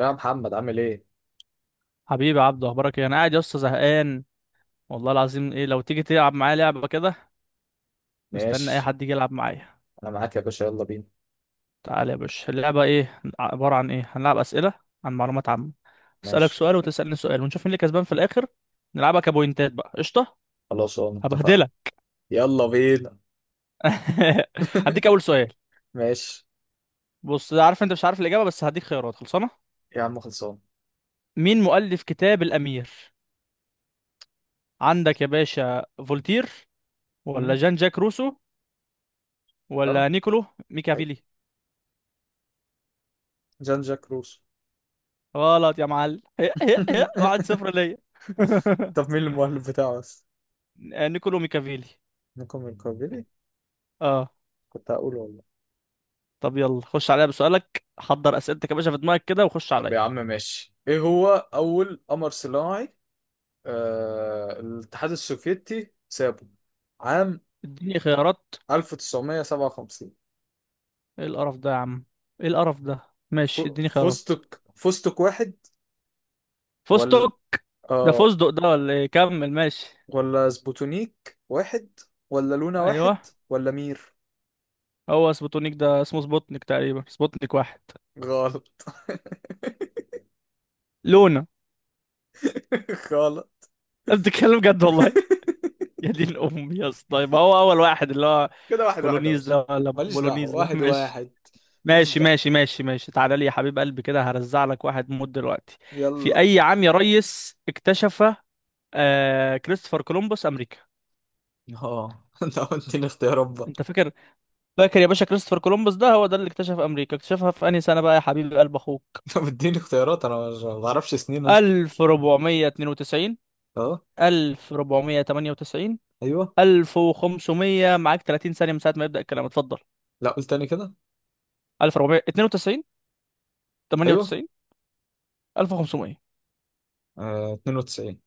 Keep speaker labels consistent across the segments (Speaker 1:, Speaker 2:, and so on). Speaker 1: يا محمد عامل ايه؟
Speaker 2: حبيبي يا عبدو، اخبارك ايه؟ انا قاعد يا اسطى زهقان والله العظيم. ايه لو تيجي تلعب معايا لعبه كده؟ مستني اي
Speaker 1: ماشي.
Speaker 2: حد يجي يلعب معايا.
Speaker 1: انا معاك يا باشا، يلا بينا.
Speaker 2: تعال يا باشا. اللعبه ايه؟ عباره عن ايه؟ هنلعب اسئله عن معلومات عامه. اسالك
Speaker 1: ماشي،
Speaker 2: سؤال وتسالني سؤال ونشوف مين اللي كسبان في الاخر. نلعبها كبوينتات بقى. قشطه.
Speaker 1: خلاص اه اتفقنا.
Speaker 2: هبهدلك.
Speaker 1: يلا بينا.
Speaker 2: هديك اول سؤال.
Speaker 1: ماشي،
Speaker 2: بص، عارف انت مش عارف الاجابه بس هديك خيارات خلصانه.
Speaker 1: يا عم خلصان.
Speaker 2: مين مؤلف كتاب الامير؟ عندك يا باشا فولتير، ولا
Speaker 1: مم.
Speaker 2: جان جاك روسو،
Speaker 1: اه
Speaker 2: ولا نيكولو
Speaker 1: عادي.
Speaker 2: ميكافيلي؟
Speaker 1: جان جاك روسو.
Speaker 2: غلط يا معلم. واحد صفر ليا.
Speaker 1: طب مين المؤلف بتاعه بس؟
Speaker 2: نيكولو ميكافيلي.
Speaker 1: نيكو من كوفيلي.
Speaker 2: اه.
Speaker 1: كنت هقوله والله.
Speaker 2: طب يلا خش عليا بسؤالك. حضر اسئلتك يا باشا في دماغك كده وخش
Speaker 1: طب يا
Speaker 2: عليا.
Speaker 1: عم ماشي، ايه هو اول قمر صناعي؟ آه الاتحاد السوفيتي سابه عام
Speaker 2: اديني خيارات.
Speaker 1: 1957.
Speaker 2: ايه القرف ده يا عم؟ ايه القرف ده؟ ماشي اديني خيارات.
Speaker 1: فستق، فستق واحد، ولا
Speaker 2: فستق؟ ده
Speaker 1: آه،
Speaker 2: فستق ده ولا ايه؟ كمل ماشي.
Speaker 1: ولا سبوتونيك واحد، ولا لونا
Speaker 2: ايوه.
Speaker 1: واحد، ولا مير؟
Speaker 2: هو سبوتونيك ده اسمه سبوتنيك تقريبا، سبوتنيك واحد.
Speaker 1: غلط.
Speaker 2: لونا.
Speaker 1: غلط.
Speaker 2: أنت بتتكلم جد والله. يا دين امي يا اسطى، يبقى هو اول واحد اللي هو
Speaker 1: كده واحد واحد يا
Speaker 2: كولونيز
Speaker 1: باشا.
Speaker 2: ده ولا
Speaker 1: ماليش دعوة،
Speaker 2: بولونيز ده؟
Speaker 1: واحد
Speaker 2: ماشي
Speaker 1: واحد. ماليش دعوة.
Speaker 2: تعالى لي يا حبيب قلبي كده، هرزع لك واحد موت دلوقتي. في
Speaker 1: يلا.
Speaker 2: اي عام يا ريس اكتشف آه كريستوفر كولومبوس امريكا؟
Speaker 1: اه. انت اديني اختيارات بقى.
Speaker 2: انت فاكر؟ فاكر يا باشا كريستوفر كولومبوس ده هو ده اللي اكتشف امريكا؟ اكتشفها في انهي سنة بقى يا حبيب قلب اخوك؟
Speaker 1: انت بتديني اختيارات، انا ما بعرفش سنين انا.
Speaker 2: 1492،
Speaker 1: اه.
Speaker 2: 1498،
Speaker 1: ايوه.
Speaker 2: 1500. معاك 30 ثانية من ساعة ما يبدأ الكلام. اتفضل.
Speaker 1: لا قول تاني كده.
Speaker 2: 1492،
Speaker 1: ايوه.
Speaker 2: 98، 1500.
Speaker 1: آه 92.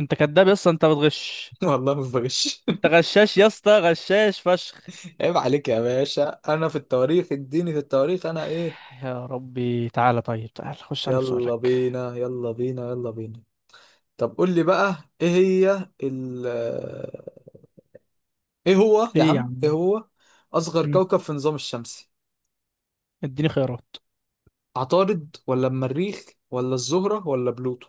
Speaker 2: انت كداب يا اسطى، انت بتغش.
Speaker 1: والله ما بغش.
Speaker 2: انت غشاش يا اسطى، غشاش فشخ.
Speaker 1: عيب عليك يا باشا، انا في التواريخ اديني، في التواريخ انا ايه؟
Speaker 2: يا ربي. تعالى طيب، تعالى خش على
Speaker 1: يلا
Speaker 2: بسؤالك.
Speaker 1: بينا، يلا بينا، يلا بينا. طب قول لي بقى ايه هي ال، ايه هو يا
Speaker 2: ايه يا
Speaker 1: عم، ايه
Speaker 2: عم؟
Speaker 1: هو اصغر
Speaker 2: مم.
Speaker 1: كوكب في النظام الشمسي؟
Speaker 2: اديني خيارات.
Speaker 1: عطارد ولا المريخ، ولا الزهرة ولا بلوتو؟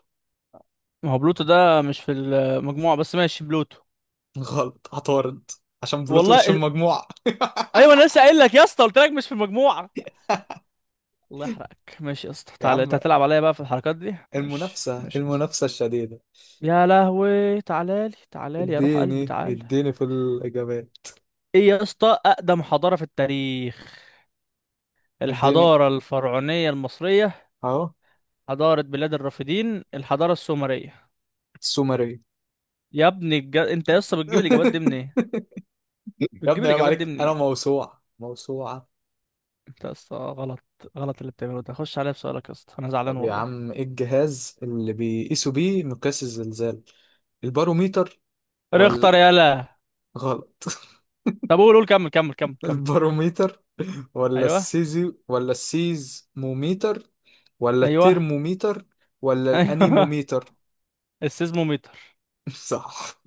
Speaker 2: ما هو بلوتو ده مش في المجموعة، بس ماشي بلوتو.
Speaker 1: غلط، عطارد. عشان بلوتو
Speaker 2: والله
Speaker 1: مش في
Speaker 2: إز-
Speaker 1: المجموعة.
Speaker 2: ايوه، انا لسه قايل لك يا اسطى، قلت لك مش في المجموعة. الله يحرقك. ماشي يا اسطى،
Speaker 1: يا
Speaker 2: تعالى. انت
Speaker 1: عم
Speaker 2: هتلعب عليا بقى في الحركات دي؟ ماشي
Speaker 1: المنافسة،
Speaker 2: ماشي يا اسطى.
Speaker 1: المنافسة الشديدة.
Speaker 2: يا لهوي. تعالى لي، تعالى لي يا روح قلبي،
Speaker 1: اديني،
Speaker 2: تعالى.
Speaker 1: اديني في الإجابات.
Speaker 2: ايه يا اسطى اقدم حضارة في التاريخ؟
Speaker 1: اديني.
Speaker 2: الحضارة الفرعونية المصرية.
Speaker 1: اهو
Speaker 2: حضارة بلاد الرافدين، الحضارة السومرية.
Speaker 1: السومرية.
Speaker 2: انت يا اسطى بتجيب الاجابات دي منين؟
Speaker 1: يا
Speaker 2: بتجيب
Speaker 1: ابني عيب
Speaker 2: الاجابات دي
Speaker 1: عليك، انا
Speaker 2: منين؟
Speaker 1: موسوعة، موسوعة.
Speaker 2: انت يا اسطى غلط. غلط اللي بتعمله ده. خش عليا بسؤالك يا اسطى، انا زعلان
Speaker 1: طب يا
Speaker 2: والله.
Speaker 1: عم ايه الجهاز اللي بيقيسوا بيه مقياس الزلزال؟ الباروميتر، ولا
Speaker 2: اختار يلا.
Speaker 1: غلط.
Speaker 2: طب قول، قول، كمل
Speaker 1: الباروميتر، ولا
Speaker 2: ايوه.
Speaker 1: السيزي، ولا السيزموميتر، ولا
Speaker 2: ايوه.
Speaker 1: الترموميتر، ولا
Speaker 2: ايوه.
Speaker 1: الانيموميتر؟
Speaker 2: السيزموميتر.
Speaker 1: صح.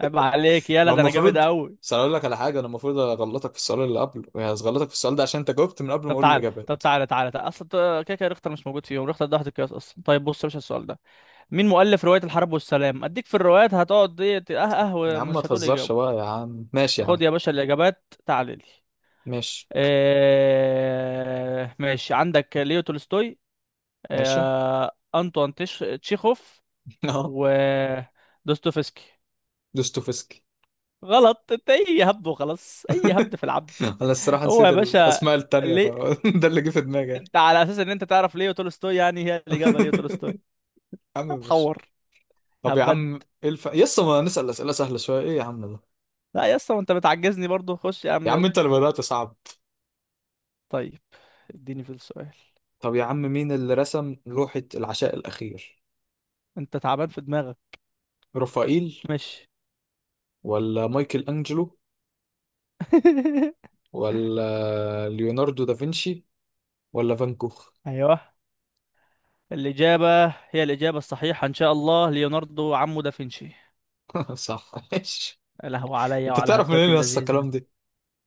Speaker 2: عيب عليك، يلا
Speaker 1: ما
Speaker 2: ده انا جامد
Speaker 1: المفروض.
Speaker 2: قوي.
Speaker 1: بس أنا اقول لك على حاجه، انا المفروض اغلطك في السؤال اللي قبله، يعني اغلطك في السؤال ده عشان انت جاوبت من قبل ما
Speaker 2: طب
Speaker 1: اقول
Speaker 2: تعالى، طب
Speaker 1: الاجابات.
Speaker 2: تعالى تعالى اصلا، كده كده ريختر مش موجود فيهم. ريختر ده واحد القياس اصلا. طيب بص يا باشا السؤال ده: مين مؤلف رواية الحرب والسلام؟ اديك في الروايات هتقعد دي
Speaker 1: يا عم ما
Speaker 2: ومش هتقول اجابة.
Speaker 1: تهزرش بقى يا عم، ماشي يا
Speaker 2: خد
Speaker 1: عم.
Speaker 2: يا باشا الاجابات، تعالى لي.
Speaker 1: ماشي.
Speaker 2: ماشي، عندك ليو تولستوي،
Speaker 1: ماشي.
Speaker 2: أنطوان تشيخوف،
Speaker 1: اه.
Speaker 2: ودوستويفسكي.
Speaker 1: دوستويفسكي.
Speaker 2: غلط. انت اي هبد وخلاص، اي هبد في العبد.
Speaker 1: انا الصراحه
Speaker 2: هو يا
Speaker 1: نسيت
Speaker 2: باشا،
Speaker 1: الاسماء التانية
Speaker 2: ليه؟
Speaker 1: فده اللي جه في دماغي. يا
Speaker 2: انت على اساس ان انت تعرف ليه تولستوي؟ يعني هي الاجابه ليه تولستوي؟
Speaker 1: عم ماشي.
Speaker 2: هتحور.
Speaker 1: طب يا
Speaker 2: هبد.
Speaker 1: عم ايه الف... يسا ما نسأل أسئلة سهلة شوية، ايه يا عم ده؟
Speaker 2: لا يا اسطى، ما انت بتعجزني برضو. خش يا عم
Speaker 1: يا عم
Speaker 2: يلا.
Speaker 1: انت اللي بدأت صعب.
Speaker 2: طيب اديني في السؤال.
Speaker 1: طب يا عم مين اللي رسم لوحة العشاء الأخير؟
Speaker 2: انت تعبان في دماغك.
Speaker 1: رافائيل،
Speaker 2: ماشي.
Speaker 1: ولا مايكل أنجلو، ولا ليوناردو دافنشي، ولا فان كوخ؟
Speaker 2: ايوه. الاجابه هي الاجابه الصحيحه ان شاء الله ليوناردو عمو دافنشي.
Speaker 1: صح ماشي.
Speaker 2: له علي
Speaker 1: انت
Speaker 2: وعلى
Speaker 1: تعرف منين
Speaker 2: هبدتي
Speaker 1: يسا
Speaker 2: اللذيذه.
Speaker 1: الكلام ده؟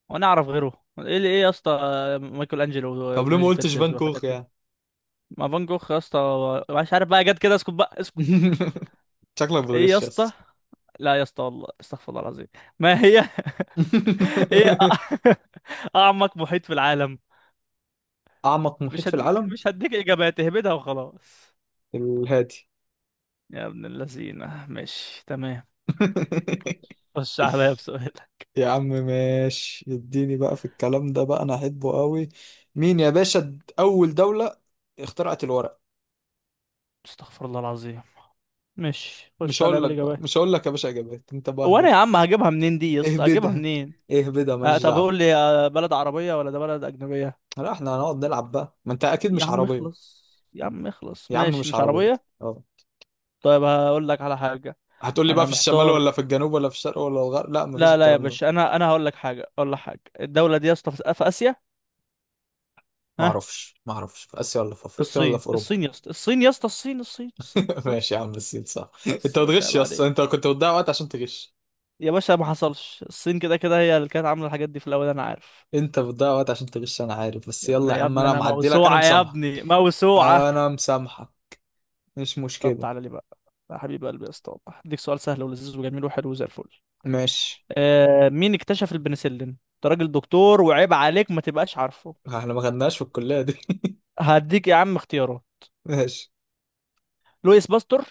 Speaker 2: وانا اعرف غيره؟ ايه اللي ايه يا اسطى، مايكل انجلو
Speaker 1: طب ليه ما
Speaker 2: ونينجا
Speaker 1: قلتش
Speaker 2: تيرتلز
Speaker 1: فان
Speaker 2: والحاجات
Speaker 1: كوخ
Speaker 2: دي.
Speaker 1: يعني؟
Speaker 2: ما فان جوخ يا اسطى. مش عارف بقى، جت كده. اسكت بقى اسكت.
Speaker 1: شكلك
Speaker 2: ايه يا
Speaker 1: بتغش
Speaker 2: اسطى؟
Speaker 1: يسا.
Speaker 2: لا يا اسطى والله، استغفر الله العظيم. ما هي. ايه أ- اعمق محيط في العالم؟
Speaker 1: أعمق محيط
Speaker 2: مش
Speaker 1: في
Speaker 2: هديك،
Speaker 1: العالم؟
Speaker 2: مش هديك اجابات، اهبدها وخلاص.
Speaker 1: الهادي.
Speaker 2: يا ابن اللذينه. ماشي تمام، خش عليا بسؤال.
Speaker 1: يا عم ماشي، اديني بقى في الكلام ده بقى، انا احبه قوي. مين يا باشا اول دولة اخترعت الورق؟
Speaker 2: استغفر الله العظيم. ماشي
Speaker 1: مش
Speaker 2: خش عليا
Speaker 1: هقول لك بقى،
Speaker 2: بالاجابات.
Speaker 1: مش هقول لك يا باشا اجابات، انت بقى
Speaker 2: وانا يا
Speaker 1: اهبدها.
Speaker 2: عم هجيبها منين دي؟ يا اسطى هجيبها
Speaker 1: اهبدها.
Speaker 2: منين؟
Speaker 1: اهبدها،
Speaker 2: آه
Speaker 1: ماليش
Speaker 2: طب قول
Speaker 1: دعوة.
Speaker 2: لي، بلد عربية ولا ده بلد أجنبية؟
Speaker 1: لا احنا هنقعد نلعب بقى، ما انت اكيد
Speaker 2: يا
Speaker 1: مش
Speaker 2: عم
Speaker 1: عربية.
Speaker 2: اخلص، يا عم اخلص.
Speaker 1: يا عم
Speaker 2: ماشي
Speaker 1: مش
Speaker 2: مش
Speaker 1: عربية.
Speaker 2: عربية.
Speaker 1: اه.
Speaker 2: طيب هقول لك على حاجة.
Speaker 1: هتقول لي بقى
Speaker 2: أنا
Speaker 1: في الشمال
Speaker 2: محتار.
Speaker 1: ولا في الجنوب ولا في الشرق ولا الغرب؟ لا مفيش
Speaker 2: لا لا يا
Speaker 1: الكلام ده.
Speaker 2: باشا، أنا هقول لك حاجة، أقول لك حاجة. الدولة دي يا اسطى في آسيا.
Speaker 1: ما
Speaker 2: ها،
Speaker 1: اعرفش، ما اعرفش، في اسيا ولا في افريقيا ولا
Speaker 2: الصين،
Speaker 1: في اوروبا؟
Speaker 2: الصين يا اسطى، الصين يا اسطى، الصين الصين
Speaker 1: ماشي يا
Speaker 2: بس.
Speaker 1: عم الصين صح.
Speaker 2: بس
Speaker 1: انت
Speaker 2: يا باشا،
Speaker 1: بتغش
Speaker 2: عيب
Speaker 1: يا اسطى، انت
Speaker 2: عليك
Speaker 1: كنت بتضيع وقت عشان تغش.
Speaker 2: يا باشا. ما حصلش الصين كده كده هي اللي كانت عاملة الحاجات دي في الأول، أنا عارف.
Speaker 1: انت بتضيع وقت عشان تغش انا عارف، بس
Speaker 2: يا ابني،
Speaker 1: يلا يا
Speaker 2: يا
Speaker 1: عم،
Speaker 2: ابني،
Speaker 1: انا
Speaker 2: أنا
Speaker 1: معدي لك، انا
Speaker 2: موسوعة يا
Speaker 1: مسامحة.
Speaker 2: ابني، موسوعة.
Speaker 1: انا مسامحة، مش
Speaker 2: طب
Speaker 1: مشكلة.
Speaker 2: تعالى لي بقى يا حبيب قلبي، يا اسطى والله. اديك سؤال سهل ولذيذ وجميل وحلو زي الفل.
Speaker 1: ماشي.
Speaker 2: مين اكتشف البنسلين؟ انت راجل دكتور، وعيب عليك ما تبقاش عارفه.
Speaker 1: احنا ما خدناش في الكلية دي.
Speaker 2: هديك يا عم اختيارات.
Speaker 1: ماشي.
Speaker 2: لويس باستور،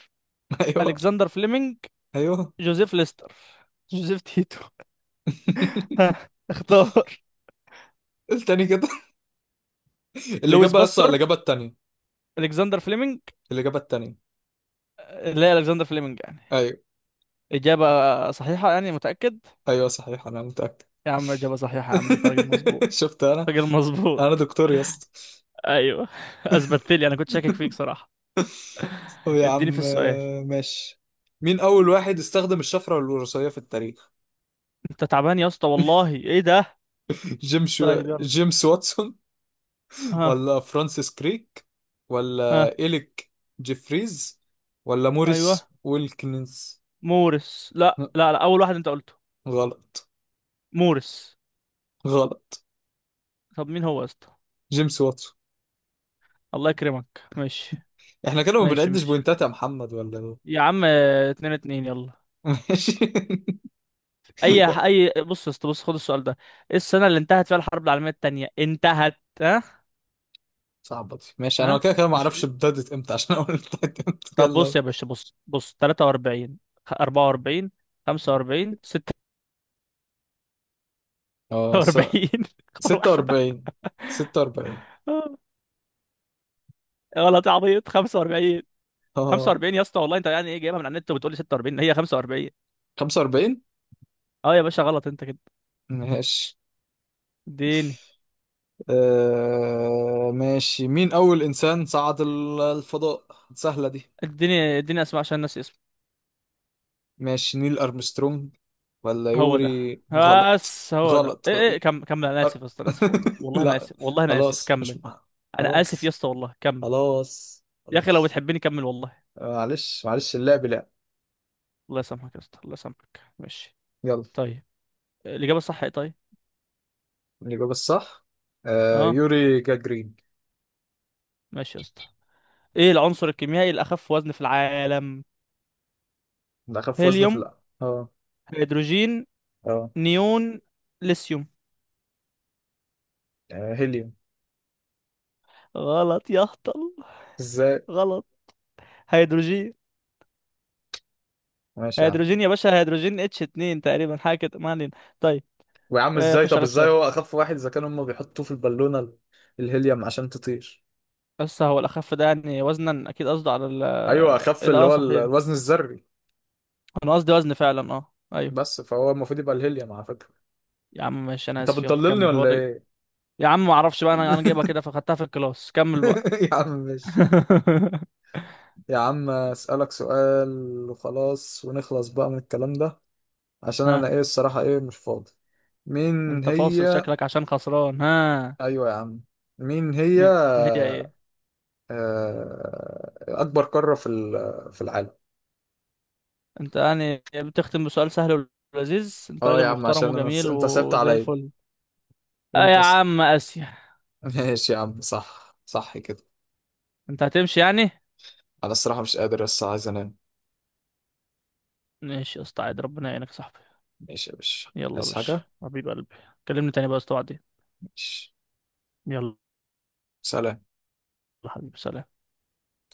Speaker 1: ايوه.
Speaker 2: الكسندر فليمنج،
Speaker 1: ايوه.
Speaker 2: جوزيف ليستر، جوزيف تيتو. ها، اختار.
Speaker 1: التاني كده،
Speaker 2: لويس
Speaker 1: الإجابة أصلا
Speaker 2: باستور،
Speaker 1: الإجابة التانية.
Speaker 2: الكسندر فليمنج.
Speaker 1: الإجابة التانية.
Speaker 2: لا، الكسندر فليمنج يعني؟
Speaker 1: أيوه.
Speaker 2: اجابه صحيحه يعني؟ متاكد؟
Speaker 1: أيوه صحيح أنا متأكد.
Speaker 2: يا عم اجابه صحيحه؟ يا عم انت راجل مظبوط،
Speaker 1: شفت أنا.
Speaker 2: راجل مظبوط.
Speaker 1: أنا دكتور يا اسطى.
Speaker 2: ايوه اثبتت لي، انا كنت شاكك فيك صراحه.
Speaker 1: طب يا
Speaker 2: اديني في
Speaker 1: عم
Speaker 2: السؤال.
Speaker 1: آه، ماشي. مين أول واحد استخدم الشفرة الوراثية في التاريخ؟
Speaker 2: انت تعبان يا اسطى والله، ايه ده؟
Speaker 1: جيمس،
Speaker 2: طيب يلا.
Speaker 1: جيمس واتسون،
Speaker 2: ها.
Speaker 1: ولا فرانسيس كريك، ولا
Speaker 2: ها.
Speaker 1: إليك جيفريز، ولا
Speaker 2: ايوه.
Speaker 1: موريس ويلكنز؟
Speaker 2: مورس، لا
Speaker 1: لا،
Speaker 2: لا لا، اول واحد انت قلته.
Speaker 1: غلط.
Speaker 2: مورس.
Speaker 1: غلط.
Speaker 2: طب مين هو يا اسطى؟
Speaker 1: جيمس واتسون.
Speaker 2: الله يكرمك. ماشي
Speaker 1: احنا كده ما
Speaker 2: ماشي
Speaker 1: بنعدش
Speaker 2: ماشي ماشي
Speaker 1: بوينتات يا محمد ولا ايه؟
Speaker 2: يا عم، اتنين اتنين، يلا.
Speaker 1: ماشي.
Speaker 2: اي اي بص يا اسطى، بص، خد السؤال ده. ايه السنه اللي انتهت فيها الحرب العالميه التانية؟ انتهت؟ ها.
Speaker 1: صعبة دي، ماشي انا
Speaker 2: ها.
Speaker 1: كده كده ما
Speaker 2: مش.
Speaker 1: اعرفش ابتدت امتى عشان اقول ابتدت امتى،
Speaker 2: طب
Speaker 1: يلا.
Speaker 2: بص يا باشا، بص 43، 44، 45،
Speaker 1: اه
Speaker 2: 46. اختار واحده.
Speaker 1: 46. 46.
Speaker 2: آه، غلط يا عبيط، 45.
Speaker 1: اه
Speaker 2: 45 يا اسطى والله. انت يعني ايه جايبها من على النت وبتقول لي 46؟ هي 45.
Speaker 1: 45.
Speaker 2: اه يا باشا، غلط انت كده.
Speaker 1: ماشي.
Speaker 2: اديني.
Speaker 1: آه... ماشي، مين اول انسان صعد الفضاء؟ سهلة دي،
Speaker 2: اديني اسمع، عشان ناسي اسمه.
Speaker 1: ماشي. نيل أرمسترونج، ولا
Speaker 2: هو ده.
Speaker 1: يوري غلط.
Speaker 2: بس هو ده
Speaker 1: غلط.
Speaker 2: ايه؟ ايه كم كمل. انا
Speaker 1: أر...
Speaker 2: اسف يا اسطى، انا اسف والله، والله انا
Speaker 1: لا،
Speaker 2: اسف والله، انا اسف.
Speaker 1: خلاص مش
Speaker 2: كمل. انا اسف يا
Speaker 1: خلاص،
Speaker 2: اسطى والله، كمل.
Speaker 1: خلاص،
Speaker 2: يا اخي لو
Speaker 1: خلاص.
Speaker 2: بتحبني كمل والله.
Speaker 1: آه، معلش، معلش، اللعب لعب.
Speaker 2: الله يسامحك يا اسطى، الله يسامحك. ماشي.
Speaker 1: يلا.
Speaker 2: طيب الاجابه الصح ايه طيب؟
Speaker 1: الإجابة الصح آه
Speaker 2: اه.
Speaker 1: يوري جاجرين.
Speaker 2: ماشي يا اسطى. ايه العنصر الكيميائي الاخف وزن في العالم؟
Speaker 1: ده أخف وزن في
Speaker 2: هيليوم،
Speaker 1: الأرض؟ اه.
Speaker 2: هيدروجين،
Speaker 1: اه.
Speaker 2: نيون، ليثيوم.
Speaker 1: آه، هيليوم.
Speaker 2: غلط يا هطل.
Speaker 1: ازاي؟
Speaker 2: غلط. هيدروجين.
Speaker 1: ماشي يا عم.
Speaker 2: هيدروجين يا باشا، هيدروجين، اتش 2 تقريبا، حاجه كده. ما علينا. طيب،
Speaker 1: ويا عم ازاي،
Speaker 2: خش
Speaker 1: طب
Speaker 2: على
Speaker 1: ازاي
Speaker 2: بسؤال.
Speaker 1: هو أخف واحد إذا كانوا هما بيحطوه في البالونة الهيليوم عشان تطير.
Speaker 2: بس هو الأخف ده يعني وزنا، أكيد قصده على ال
Speaker 1: أيوه أخف
Speaker 2: إيه ده.
Speaker 1: اللي
Speaker 2: أه
Speaker 1: هو
Speaker 2: صحيح،
Speaker 1: الوزن الذري.
Speaker 2: أنا قصدي وزن فعلا، أه أيوه.
Speaker 1: بس فهو المفروض يبقى الهيليوم على فكرة.
Speaker 2: يا عم ماشي، أنا
Speaker 1: انت
Speaker 2: آسف. يلا
Speaker 1: بتضللني
Speaker 2: كمل،
Speaker 1: ولا ايه؟
Speaker 2: يا عم معرفش بقى، أنا جايبها كده فخدتها في الكلاس. كمل بقى.
Speaker 1: يا عم ماشي. يا عم اسالك سؤال وخلاص، ونخلص بقى من الكلام ده، عشان انا
Speaker 2: ها.
Speaker 1: ايه الصراحه، ايه مش فاضي. مين
Speaker 2: أنت فاصل
Speaker 1: هي؟
Speaker 2: شكلك، عشان خسران؟ ها.
Speaker 1: ايوه يا عم. مين هي
Speaker 2: مين هي إيه؟
Speaker 1: آه، اكبر قاره في ال، في العالم؟
Speaker 2: أنت يعني بتختم بسؤال سهل ولذيذ؟ أنت
Speaker 1: اه يا
Speaker 2: راجل
Speaker 1: عم
Speaker 2: محترم
Speaker 1: عشان انا س...
Speaker 2: وجميل
Speaker 1: انت سبت
Speaker 2: وزي
Speaker 1: عليا.
Speaker 2: الفل. آه يا
Speaker 1: انت س...
Speaker 2: عم، آسيا.
Speaker 1: ماشي يا عم، صح صح كده.
Speaker 2: أنت هتمشي يعني؟
Speaker 1: انا الصراحه مش قادر، بس عايز انام.
Speaker 2: ماشي يا اسطى، عادي. ربنا يعينك يا صاحبي.
Speaker 1: ماشي يا باشا،
Speaker 2: يلا يا
Speaker 1: عايز
Speaker 2: باشا،
Speaker 1: حاجه؟
Speaker 2: حبيب قلبي. كلمني تاني بقى استوعب.
Speaker 1: ماشي.
Speaker 2: يلا.
Speaker 1: سلام.
Speaker 2: حبيبي، سلام.